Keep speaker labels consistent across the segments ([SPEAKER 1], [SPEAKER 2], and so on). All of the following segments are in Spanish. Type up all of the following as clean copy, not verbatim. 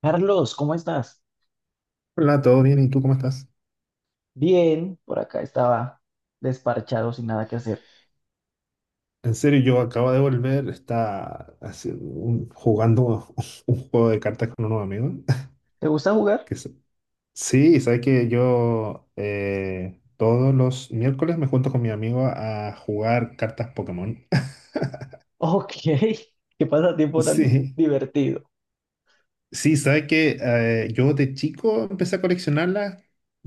[SPEAKER 1] Carlos, ¿cómo estás?
[SPEAKER 2] Hola, ¿todo bien? ¿Y tú cómo estás?
[SPEAKER 1] Bien, por acá estaba desparchado sin nada que hacer.
[SPEAKER 2] En serio, yo acabo de volver, está haciendo jugando un juego de cartas con unos amigos.
[SPEAKER 1] ¿Te gusta jugar?
[SPEAKER 2] Que se- sí, sabes que yo todos los miércoles me junto con mi amigo a jugar cartas Pokémon.
[SPEAKER 1] Ok, qué pasatiempo tan
[SPEAKER 2] Sí,
[SPEAKER 1] divertido.
[SPEAKER 2] sí, sabes que yo de chico empecé a coleccionarlas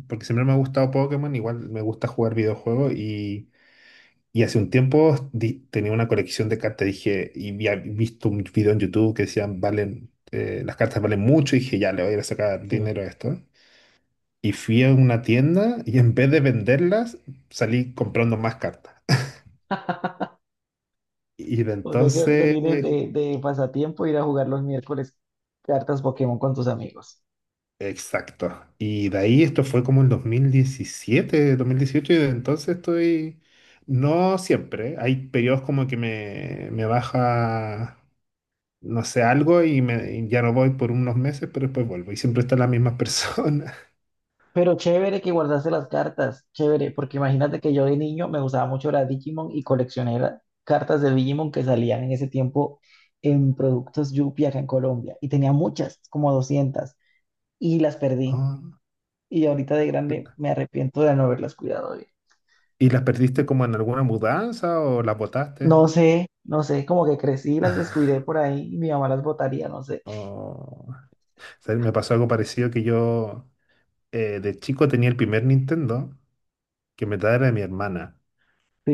[SPEAKER 2] porque siempre me ha gustado Pokémon, igual me gusta jugar videojuegos. Y hace un tiempo tenía una colección de cartas, dije, y había visto un video en YouTube que decían, las cartas valen mucho, y dije, ya, le voy a ir a sacar
[SPEAKER 1] Sí.
[SPEAKER 2] dinero a esto. Y fui a una tienda y en vez de venderlas, salí comprando más cartas. Y de
[SPEAKER 1] O sea que ahorita
[SPEAKER 2] entonces,
[SPEAKER 1] tienes de pasatiempo ir a jugar los miércoles cartas Pokémon con tus amigos.
[SPEAKER 2] exacto. Y de ahí esto fue como en 2017, 2018 y de entonces estoy, no siempre, hay periodos como que me baja. No sé, algo y ya no voy por unos meses, pero después vuelvo. Y siempre están las mismas personas.
[SPEAKER 1] Pero chévere que guardaste las cartas, chévere, porque imagínate que yo de niño me gustaba mucho la Digimon y coleccioné cartas de Digimon que salían en ese tiempo en productos Yupi acá en Colombia. Y tenía muchas, como 200, y las perdí.
[SPEAKER 2] Oh.
[SPEAKER 1] Y ahorita de grande me arrepiento de no haberlas cuidado bien.
[SPEAKER 2] ¿Y las perdiste como en alguna mudanza o las botaste?
[SPEAKER 1] No sé, no sé, como que crecí y las descuidé por ahí y mi mamá las botaría, no sé.
[SPEAKER 2] O me pasó algo parecido que yo, de chico tenía el primer Nintendo que me traía de mi hermana.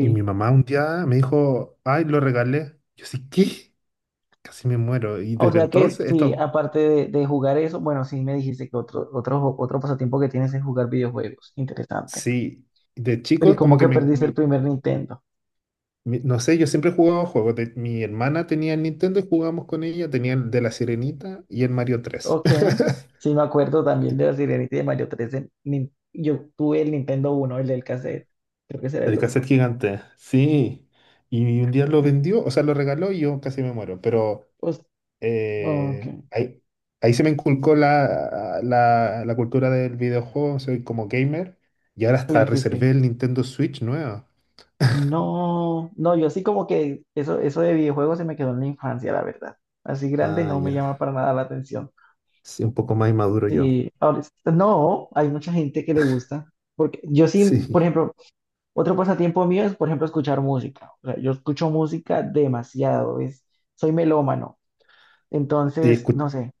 [SPEAKER 2] Y mi mamá un día me dijo, ay, lo regalé. Yo, sí, ¿qué? Casi me muero. Y
[SPEAKER 1] O
[SPEAKER 2] desde
[SPEAKER 1] sea que
[SPEAKER 2] entonces,
[SPEAKER 1] sí,
[SPEAKER 2] esto,
[SPEAKER 1] aparte de jugar eso, bueno, sí me dijiste que otro pasatiempo que tienes es jugar videojuegos. Interesante.
[SPEAKER 2] sí, de
[SPEAKER 1] Pero ¿y
[SPEAKER 2] chico
[SPEAKER 1] cómo
[SPEAKER 2] como que
[SPEAKER 1] que perdiste el primer Nintendo?
[SPEAKER 2] No sé, yo siempre he jugado juegos. Mi hermana tenía el Nintendo y jugábamos con ella. Tenía el de la Sirenita y el Mario 3.
[SPEAKER 1] Ok. Sí, me acuerdo también de la Sirenita y de Mario 3 en yo tuve el Nintendo uno, el del cassette. Creo que será el
[SPEAKER 2] El cassette
[SPEAKER 1] uno.
[SPEAKER 2] gigante, sí. Y un día lo vendió, o sea, lo regaló y yo casi me muero. Pero
[SPEAKER 1] Pues, ok.
[SPEAKER 2] eh, ahí, ahí se me inculcó la cultura del videojuego. Soy como gamer. Y ahora hasta
[SPEAKER 1] Sí, sí, sí.
[SPEAKER 2] reservé el Nintendo Switch nuevo.
[SPEAKER 1] No, no, yo así como que eso, de videojuegos se me quedó en la infancia, la verdad. Así grande
[SPEAKER 2] Ah,
[SPEAKER 1] no me
[SPEAKER 2] ya.
[SPEAKER 1] llama para nada la atención.
[SPEAKER 2] Sí, un poco más inmaduro yo.
[SPEAKER 1] Sí, ahora, no, hay mucha gente que le gusta. Porque yo sí, por
[SPEAKER 2] Sí.
[SPEAKER 1] ejemplo, otro pasatiempo mío es, por ejemplo, escuchar música. O sea, yo escucho música demasiado, es, soy melómano.
[SPEAKER 2] Y
[SPEAKER 1] Entonces, no
[SPEAKER 2] escu-
[SPEAKER 1] sé,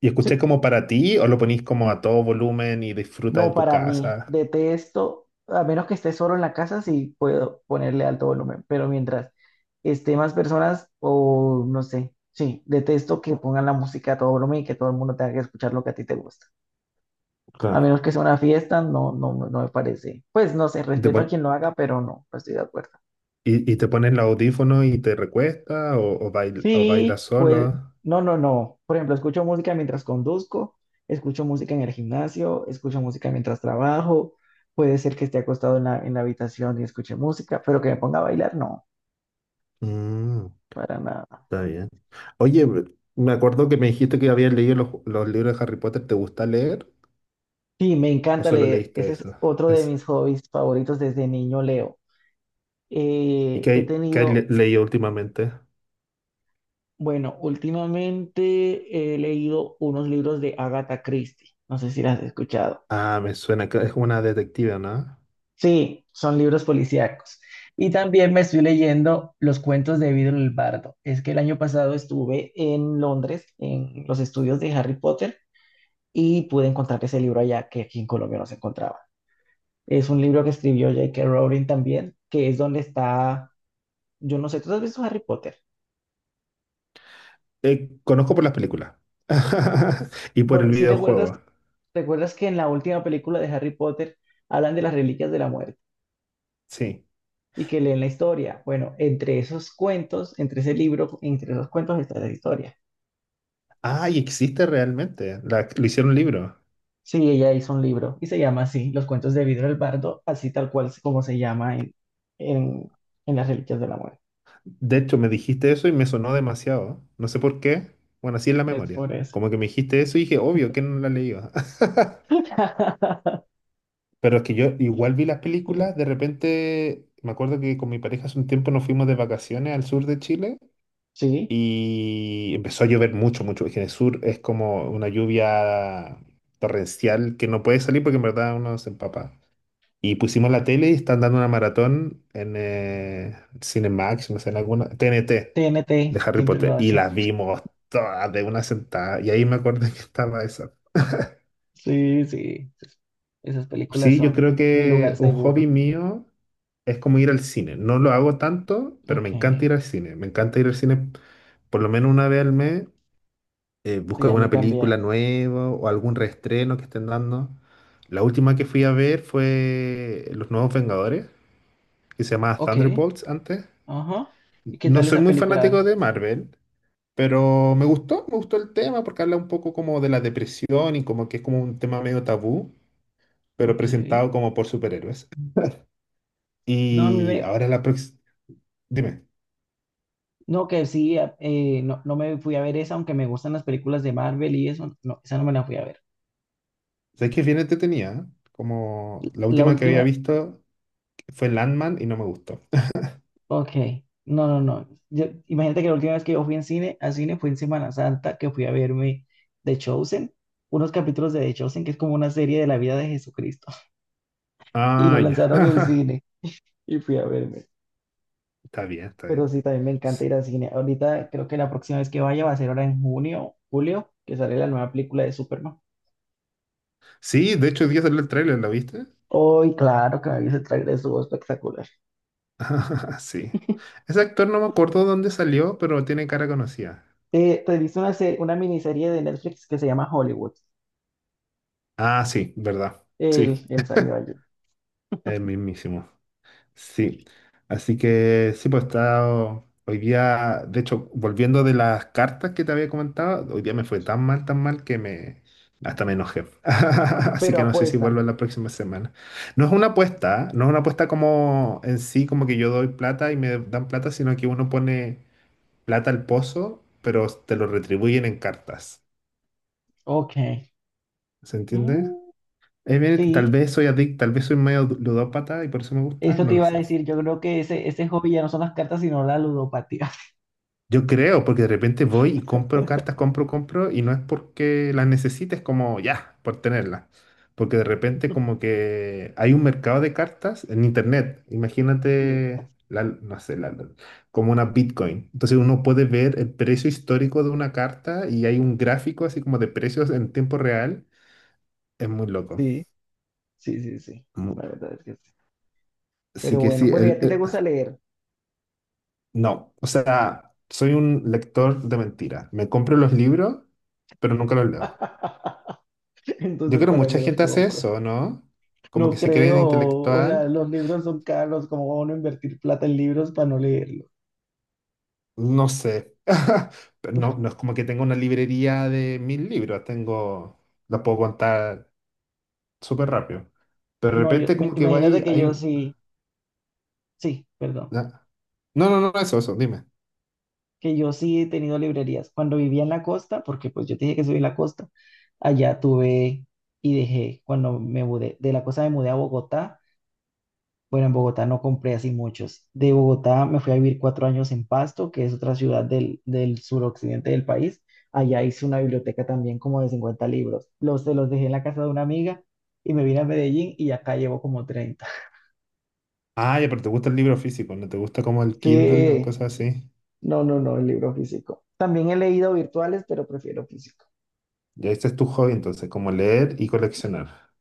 [SPEAKER 2] ¿Y escucháis
[SPEAKER 1] sí,
[SPEAKER 2] como para ti o lo ponís como a todo volumen y disfrutas
[SPEAKER 1] no,
[SPEAKER 2] en tu
[SPEAKER 1] para mí,
[SPEAKER 2] casa?
[SPEAKER 1] detesto, a menos que esté solo en la casa, sí puedo ponerle alto volumen, pero mientras esté más personas o no sé, sí, detesto que pongan la música a todo volumen y que todo el mundo tenga que escuchar lo que a ti te gusta. A
[SPEAKER 2] Claro.
[SPEAKER 1] menos que sea una fiesta, no, no, no me parece. Pues no sé,
[SPEAKER 2] ¿Y te,
[SPEAKER 1] respeto a
[SPEAKER 2] pon-
[SPEAKER 1] quien lo haga, pero no, no estoy de acuerdo.
[SPEAKER 2] y te pones los audífonos y te recuestas o, o
[SPEAKER 1] Sí,
[SPEAKER 2] bailas
[SPEAKER 1] pues
[SPEAKER 2] solo?
[SPEAKER 1] no, no, no. Por ejemplo, escucho música mientras conduzco, escucho música en el gimnasio, escucho música mientras trabajo. Puede ser que esté acostado en la habitación y escuche música, pero que me ponga a bailar, no,
[SPEAKER 2] Mm,
[SPEAKER 1] para nada.
[SPEAKER 2] Está bien. Oye, me acuerdo que me dijiste que habías leído los libros de Harry Potter. ¿Te gusta leer
[SPEAKER 1] Sí, me
[SPEAKER 2] o
[SPEAKER 1] encanta
[SPEAKER 2] solo
[SPEAKER 1] leer.
[SPEAKER 2] leíste
[SPEAKER 1] Ese es
[SPEAKER 2] eso?
[SPEAKER 1] otro de
[SPEAKER 2] Es-
[SPEAKER 1] mis hobbies favoritos desde niño, leo.
[SPEAKER 2] ¿Y qué,
[SPEAKER 1] He
[SPEAKER 2] qué has
[SPEAKER 1] tenido,
[SPEAKER 2] leído últimamente?
[SPEAKER 1] bueno, últimamente he leído unos libros de Agatha Christie. No sé si las has escuchado.
[SPEAKER 2] Ah, me suena que es una detective, ¿no?
[SPEAKER 1] Sí, son libros policíacos. Y también me estoy leyendo Los cuentos de Vidro el Bardo. Es que el año pasado estuve en Londres, en los estudios de Harry Potter, y pude encontrar ese libro allá que aquí en Colombia no se encontraba. Es un libro que escribió J.K. Rowling también, que es donde está, yo no sé, ¿tú has visto Harry Potter?
[SPEAKER 2] Conozco por las películas. Y por el
[SPEAKER 1] Bueno, si recuerdas,
[SPEAKER 2] videojuego,
[SPEAKER 1] recuerdas que en la última película de Harry Potter hablan de las reliquias de la muerte
[SPEAKER 2] sí.
[SPEAKER 1] y que leen la historia. Bueno, entre esos cuentos, entre ese libro, entre esos cuentos está la historia.
[SPEAKER 2] Ay, existe realmente. Lo hicieron libro.
[SPEAKER 1] Sí, ella hizo un libro y se llama así, Los cuentos de Vidro del Bardo, así tal cual es como se llama en, en las Reliquias de la Muerte.
[SPEAKER 2] De hecho, me dijiste eso y me sonó demasiado. No sé por qué. Bueno, así es la
[SPEAKER 1] Es
[SPEAKER 2] memoria.
[SPEAKER 1] por eso.
[SPEAKER 2] Como que me dijiste eso y dije, obvio, ¿que no la leído? Pero es que yo igual vi las películas. De repente, me acuerdo que con mi pareja hace un tiempo nos fuimos de vacaciones al sur de Chile
[SPEAKER 1] Sí,
[SPEAKER 2] y empezó a llover mucho, mucho. Es que en el sur es como una lluvia torrencial que no puede salir porque en verdad uno se empapa. Y pusimos la tele y están dando una maratón en Cinemax, no sé, en alguna, TNT
[SPEAKER 1] TNT
[SPEAKER 2] de Harry
[SPEAKER 1] siempre lo
[SPEAKER 2] Potter. Y
[SPEAKER 1] hace.
[SPEAKER 2] las vimos todas de una sentada. Y ahí me acordé que estaba esa.
[SPEAKER 1] Sí, sí, sí. Esas películas
[SPEAKER 2] Sí, yo
[SPEAKER 1] son
[SPEAKER 2] creo
[SPEAKER 1] mi
[SPEAKER 2] que
[SPEAKER 1] lugar
[SPEAKER 2] un hobby
[SPEAKER 1] seguro.
[SPEAKER 2] mío es como ir al cine. No lo hago tanto, pero me
[SPEAKER 1] Ok,
[SPEAKER 2] encanta
[SPEAKER 1] sí,
[SPEAKER 2] ir al cine. Me encanta ir al cine por lo menos una vez al mes. Eh, busco
[SPEAKER 1] a mí
[SPEAKER 2] alguna
[SPEAKER 1] también.
[SPEAKER 2] película nueva o algún reestreno que estén dando. La última que fui a ver fue Los Nuevos Vengadores, que se llamaba
[SPEAKER 1] Ok,
[SPEAKER 2] Thunderbolts antes.
[SPEAKER 1] ajá. ¿Y qué
[SPEAKER 2] No
[SPEAKER 1] tal
[SPEAKER 2] soy
[SPEAKER 1] esa
[SPEAKER 2] muy fanático
[SPEAKER 1] película?
[SPEAKER 2] de Marvel, pero me gustó el tema porque habla un poco como de la depresión y como que es como un tema medio tabú, pero
[SPEAKER 1] Ok.
[SPEAKER 2] presentado como por superhéroes.
[SPEAKER 1] No, a mí
[SPEAKER 2] Y
[SPEAKER 1] me...
[SPEAKER 2] ahora la próxima, dime,
[SPEAKER 1] No, que sí, no, no me fui a ver esa, aunque me gustan las películas de Marvel y eso, no, esa no me la fui a ver.
[SPEAKER 2] ¿sabes que es bien entretenida? ¿Eh? Como la
[SPEAKER 1] La
[SPEAKER 2] última que había
[SPEAKER 1] última
[SPEAKER 2] visto fue Landman y no me gustó.
[SPEAKER 1] ok, no, no, no. Imagínate que la última vez que yo fui en cine, a cine, fue en Semana Santa, que fui a verme The Chosen, unos capítulos de The Chosen, que es como una serie de la vida de Jesucristo, y
[SPEAKER 2] Ah,
[SPEAKER 1] lo
[SPEAKER 2] ya.
[SPEAKER 1] lanzaron en cine y fui a verme.
[SPEAKER 2] Está bien, está
[SPEAKER 1] Pero
[SPEAKER 2] bien.
[SPEAKER 1] sí, también me encanta
[SPEAKER 2] S-
[SPEAKER 1] ir al cine. Ahorita creo que la próxima vez que vaya va a ser ahora en junio, julio, que sale la nueva película de Superman.
[SPEAKER 2] Sí, de hecho, hoy día salió el tráiler, ¿lo viste?
[SPEAKER 1] Hoy, claro que me vi ese tráiler, estuvo espectacular.
[SPEAKER 2] Sí. Ese actor no me acuerdo dónde salió, pero tiene cara conocida.
[SPEAKER 1] Te viste una, una miniserie de Netflix que se llama Hollywood.
[SPEAKER 2] Ah, sí, verdad.
[SPEAKER 1] El,
[SPEAKER 2] Sí.
[SPEAKER 1] el salió ayer.
[SPEAKER 2] El mismísimo. Sí. Así que sí, pues estaba hoy día, de hecho, volviendo de las cartas que te había comentado, hoy día me fue tan mal que me hasta me enojé. Así
[SPEAKER 1] Pero
[SPEAKER 2] que no sé si vuelvo
[SPEAKER 1] apuesta.
[SPEAKER 2] la próxima semana. No es una apuesta, ¿ah? No es una apuesta como en sí, como que yo doy plata y me dan plata, sino que uno pone plata al pozo, pero te lo retribuyen en cartas.
[SPEAKER 1] Ok.
[SPEAKER 2] ¿Se entiende?
[SPEAKER 1] Mm,
[SPEAKER 2] Bien, tal
[SPEAKER 1] sí,
[SPEAKER 2] vez soy adicto, tal vez soy medio ludópata y por eso me gusta,
[SPEAKER 1] eso
[SPEAKER 2] no
[SPEAKER 1] te
[SPEAKER 2] lo
[SPEAKER 1] iba a
[SPEAKER 2] sé.
[SPEAKER 1] decir. Yo creo que ese hobby ya no son las cartas, sino la ludopatía.
[SPEAKER 2] Yo creo, porque de repente voy y compro cartas, compro, compro, y no es porque las necesites como ya, por tenerlas. Porque de repente como que hay un mercado de cartas en internet. Imagínate, no sé, como una Bitcoin. Entonces uno puede ver el precio histórico de una carta y hay un gráfico así como de precios en tiempo real. Es muy loco.
[SPEAKER 1] Sí, sí, sí, sí, sí. La
[SPEAKER 2] Mu-
[SPEAKER 1] verdad es que sí.
[SPEAKER 2] Así
[SPEAKER 1] Pero
[SPEAKER 2] que
[SPEAKER 1] bueno,
[SPEAKER 2] sí,
[SPEAKER 1] bueno, ¿y a ti te gusta leer?
[SPEAKER 2] no, o sea, soy un lector de mentiras. Me compro los libros, pero nunca los leo. Yo
[SPEAKER 1] Entonces,
[SPEAKER 2] creo que
[SPEAKER 1] ¿para
[SPEAKER 2] mucha
[SPEAKER 1] qué los
[SPEAKER 2] gente hace
[SPEAKER 1] compras?
[SPEAKER 2] eso, ¿no? Como
[SPEAKER 1] No
[SPEAKER 2] que se creen
[SPEAKER 1] creo, o sea,
[SPEAKER 2] intelectual.
[SPEAKER 1] los libros son caros, ¿cómo va uno a invertir plata en libros para no leerlos?
[SPEAKER 2] No sé. Pero no, no es como que tenga una librería de 1000 libros. Tengo, los puedo contar súper rápido. Pero de
[SPEAKER 1] No, yo,
[SPEAKER 2] repente como que va
[SPEAKER 1] imagínate
[SPEAKER 2] ahí,
[SPEAKER 1] que
[SPEAKER 2] hay
[SPEAKER 1] yo
[SPEAKER 2] un...
[SPEAKER 1] sí, sí, perdón.
[SPEAKER 2] na- No, no, no, eso, dime.
[SPEAKER 1] Que yo sí he tenido librerías. Cuando vivía en la costa, porque pues yo te dije que soy de la costa, allá tuve y dejé. Cuando me mudé, de la costa me mudé a Bogotá. Bueno, en Bogotá no compré así muchos. De Bogotá me fui a vivir 4 años en Pasto, que es otra ciudad del suroccidente del país. Allá hice una biblioteca también como de 50 libros. Se los dejé en la casa de una amiga y me vine a Medellín y acá llevo como 30.
[SPEAKER 2] Ah, ya, pero te gusta el libro físico, ¿no te gusta como el Kindle o
[SPEAKER 1] Sí,
[SPEAKER 2] cosas así?
[SPEAKER 1] no, no, no, el libro físico. También he leído virtuales, pero prefiero físico.
[SPEAKER 2] Ya ese es tu hobby, entonces, como leer y coleccionar.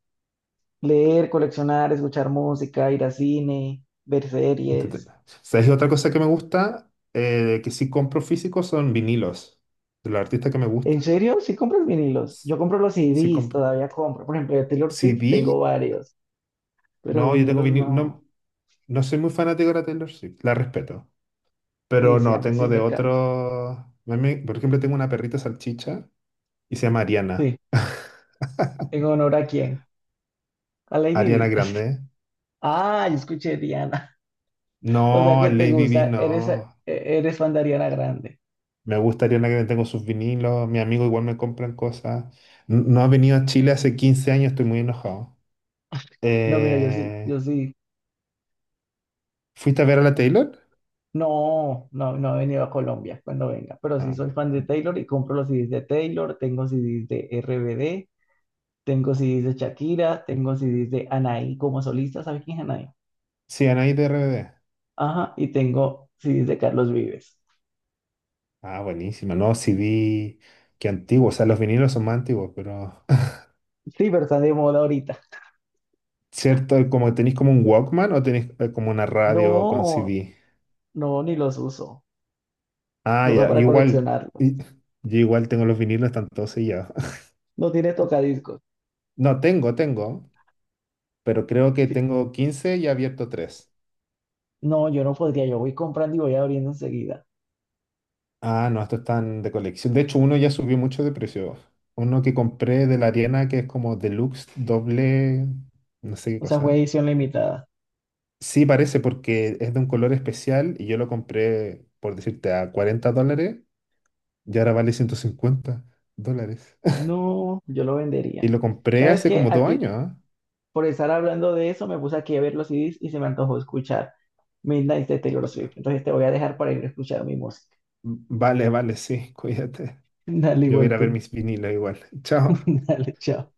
[SPEAKER 1] Leer, coleccionar, escuchar música, ir a cine, ver
[SPEAKER 2] Entrete-
[SPEAKER 1] series.
[SPEAKER 2] ¿Sabes otra cosa que me gusta? Que sí compro físico son vinilos. De los artistas que me
[SPEAKER 1] ¿En
[SPEAKER 2] gusta.
[SPEAKER 1] serio? ¿Sí compras vinilos? Yo compro los
[SPEAKER 2] Sí,
[SPEAKER 1] CDs,
[SPEAKER 2] compro.
[SPEAKER 1] todavía compro. Por ejemplo, de Taylor Swift tengo
[SPEAKER 2] CD,
[SPEAKER 1] varios, pero
[SPEAKER 2] no, yo tengo
[SPEAKER 1] vinilos
[SPEAKER 2] vinil.
[SPEAKER 1] no.
[SPEAKER 2] No, no soy muy fanático de la Taylor Swift, la respeto.
[SPEAKER 1] Sí,
[SPEAKER 2] Pero
[SPEAKER 1] sí, a
[SPEAKER 2] no,
[SPEAKER 1] mí
[SPEAKER 2] tengo
[SPEAKER 1] sí me
[SPEAKER 2] de otros.
[SPEAKER 1] encanta.
[SPEAKER 2] Por ejemplo, tengo una perrita salchicha y se llama Ariana.
[SPEAKER 1] Sí. ¿En honor a quién? A Lady
[SPEAKER 2] Ariana
[SPEAKER 1] Di.
[SPEAKER 2] Grande.
[SPEAKER 1] Ah, yo escuché Diana. O sea
[SPEAKER 2] No,
[SPEAKER 1] que te
[SPEAKER 2] Lady B,
[SPEAKER 1] gusta, eres, eh,
[SPEAKER 2] no.
[SPEAKER 1] eres fan de Ariana Grande.
[SPEAKER 2] Me gusta Ariana Grande, tengo sus vinilos. Mis amigos igual me compran cosas. No ha venido a Chile hace 15 años, estoy muy enojado.
[SPEAKER 1] No, mira, yo sí,
[SPEAKER 2] Eh,
[SPEAKER 1] yo sí.
[SPEAKER 2] ¿Fuiste a ver a la Taylor?
[SPEAKER 1] No, no, no he venido a Colombia, cuando venga, pero sí
[SPEAKER 2] Ah.
[SPEAKER 1] soy fan de Taylor y compro los CDs de Taylor, tengo CDs de RBD, tengo CDs de Shakira, tengo CDs de Anaí como solista. ¿Sabes quién es Anaí?
[SPEAKER 2] Sí, Anaí de RBD.
[SPEAKER 1] Ajá, y tengo CDs de Carlos Vives.
[SPEAKER 2] Ah, buenísima. No, CD, que antiguo. O sea, los vinilos son más antiguos, pero.
[SPEAKER 1] Sí, pero están de moda ahorita.
[SPEAKER 2] ¿Cierto? Como tenéis como un Walkman o tenéis como una radio con
[SPEAKER 1] No,
[SPEAKER 2] CD.
[SPEAKER 1] no, ni los uso,
[SPEAKER 2] Ah,
[SPEAKER 1] solo
[SPEAKER 2] ya. Yo
[SPEAKER 1] para
[SPEAKER 2] igual.
[SPEAKER 1] coleccionarlos.
[SPEAKER 2] y- Yo igual tengo los vinilos, están todos sellados.
[SPEAKER 1] No tiene tocadiscos.
[SPEAKER 2] No, tengo, tengo. Pero creo que
[SPEAKER 1] Sí,
[SPEAKER 2] tengo 15 y he abierto 3.
[SPEAKER 1] no, yo no podría, yo voy comprando y voy abriendo enseguida.
[SPEAKER 2] Ah, no, estos están de colección. De hecho, uno ya subió mucho de precio. Uno que compré de la Ariana, que es como deluxe, doble, no sé qué
[SPEAKER 1] O sea, fue
[SPEAKER 2] cosa.
[SPEAKER 1] edición limitada.
[SPEAKER 2] Sí, parece porque es de un color especial y yo lo compré, por decirte, a $40 y ahora vale $150.
[SPEAKER 1] No, yo lo
[SPEAKER 2] Y
[SPEAKER 1] vendería.
[SPEAKER 2] lo compré
[SPEAKER 1] ¿Sabes
[SPEAKER 2] hace
[SPEAKER 1] qué?
[SPEAKER 2] como dos
[SPEAKER 1] Aquí,
[SPEAKER 2] años, ¿ah?
[SPEAKER 1] por estar hablando de eso, me puse aquí a ver los CDs y se me antojó escuchar Midnight de Taylor Swift.
[SPEAKER 2] Va-
[SPEAKER 1] Entonces te voy a dejar para ir a escuchar mi música.
[SPEAKER 2] Vale, vale, sí, cuídate.
[SPEAKER 1] Dale,
[SPEAKER 2] Yo voy a ir
[SPEAKER 1] igual
[SPEAKER 2] a ver
[SPEAKER 1] tú.
[SPEAKER 2] mis vinilos igual. Chao.
[SPEAKER 1] Dale, chao.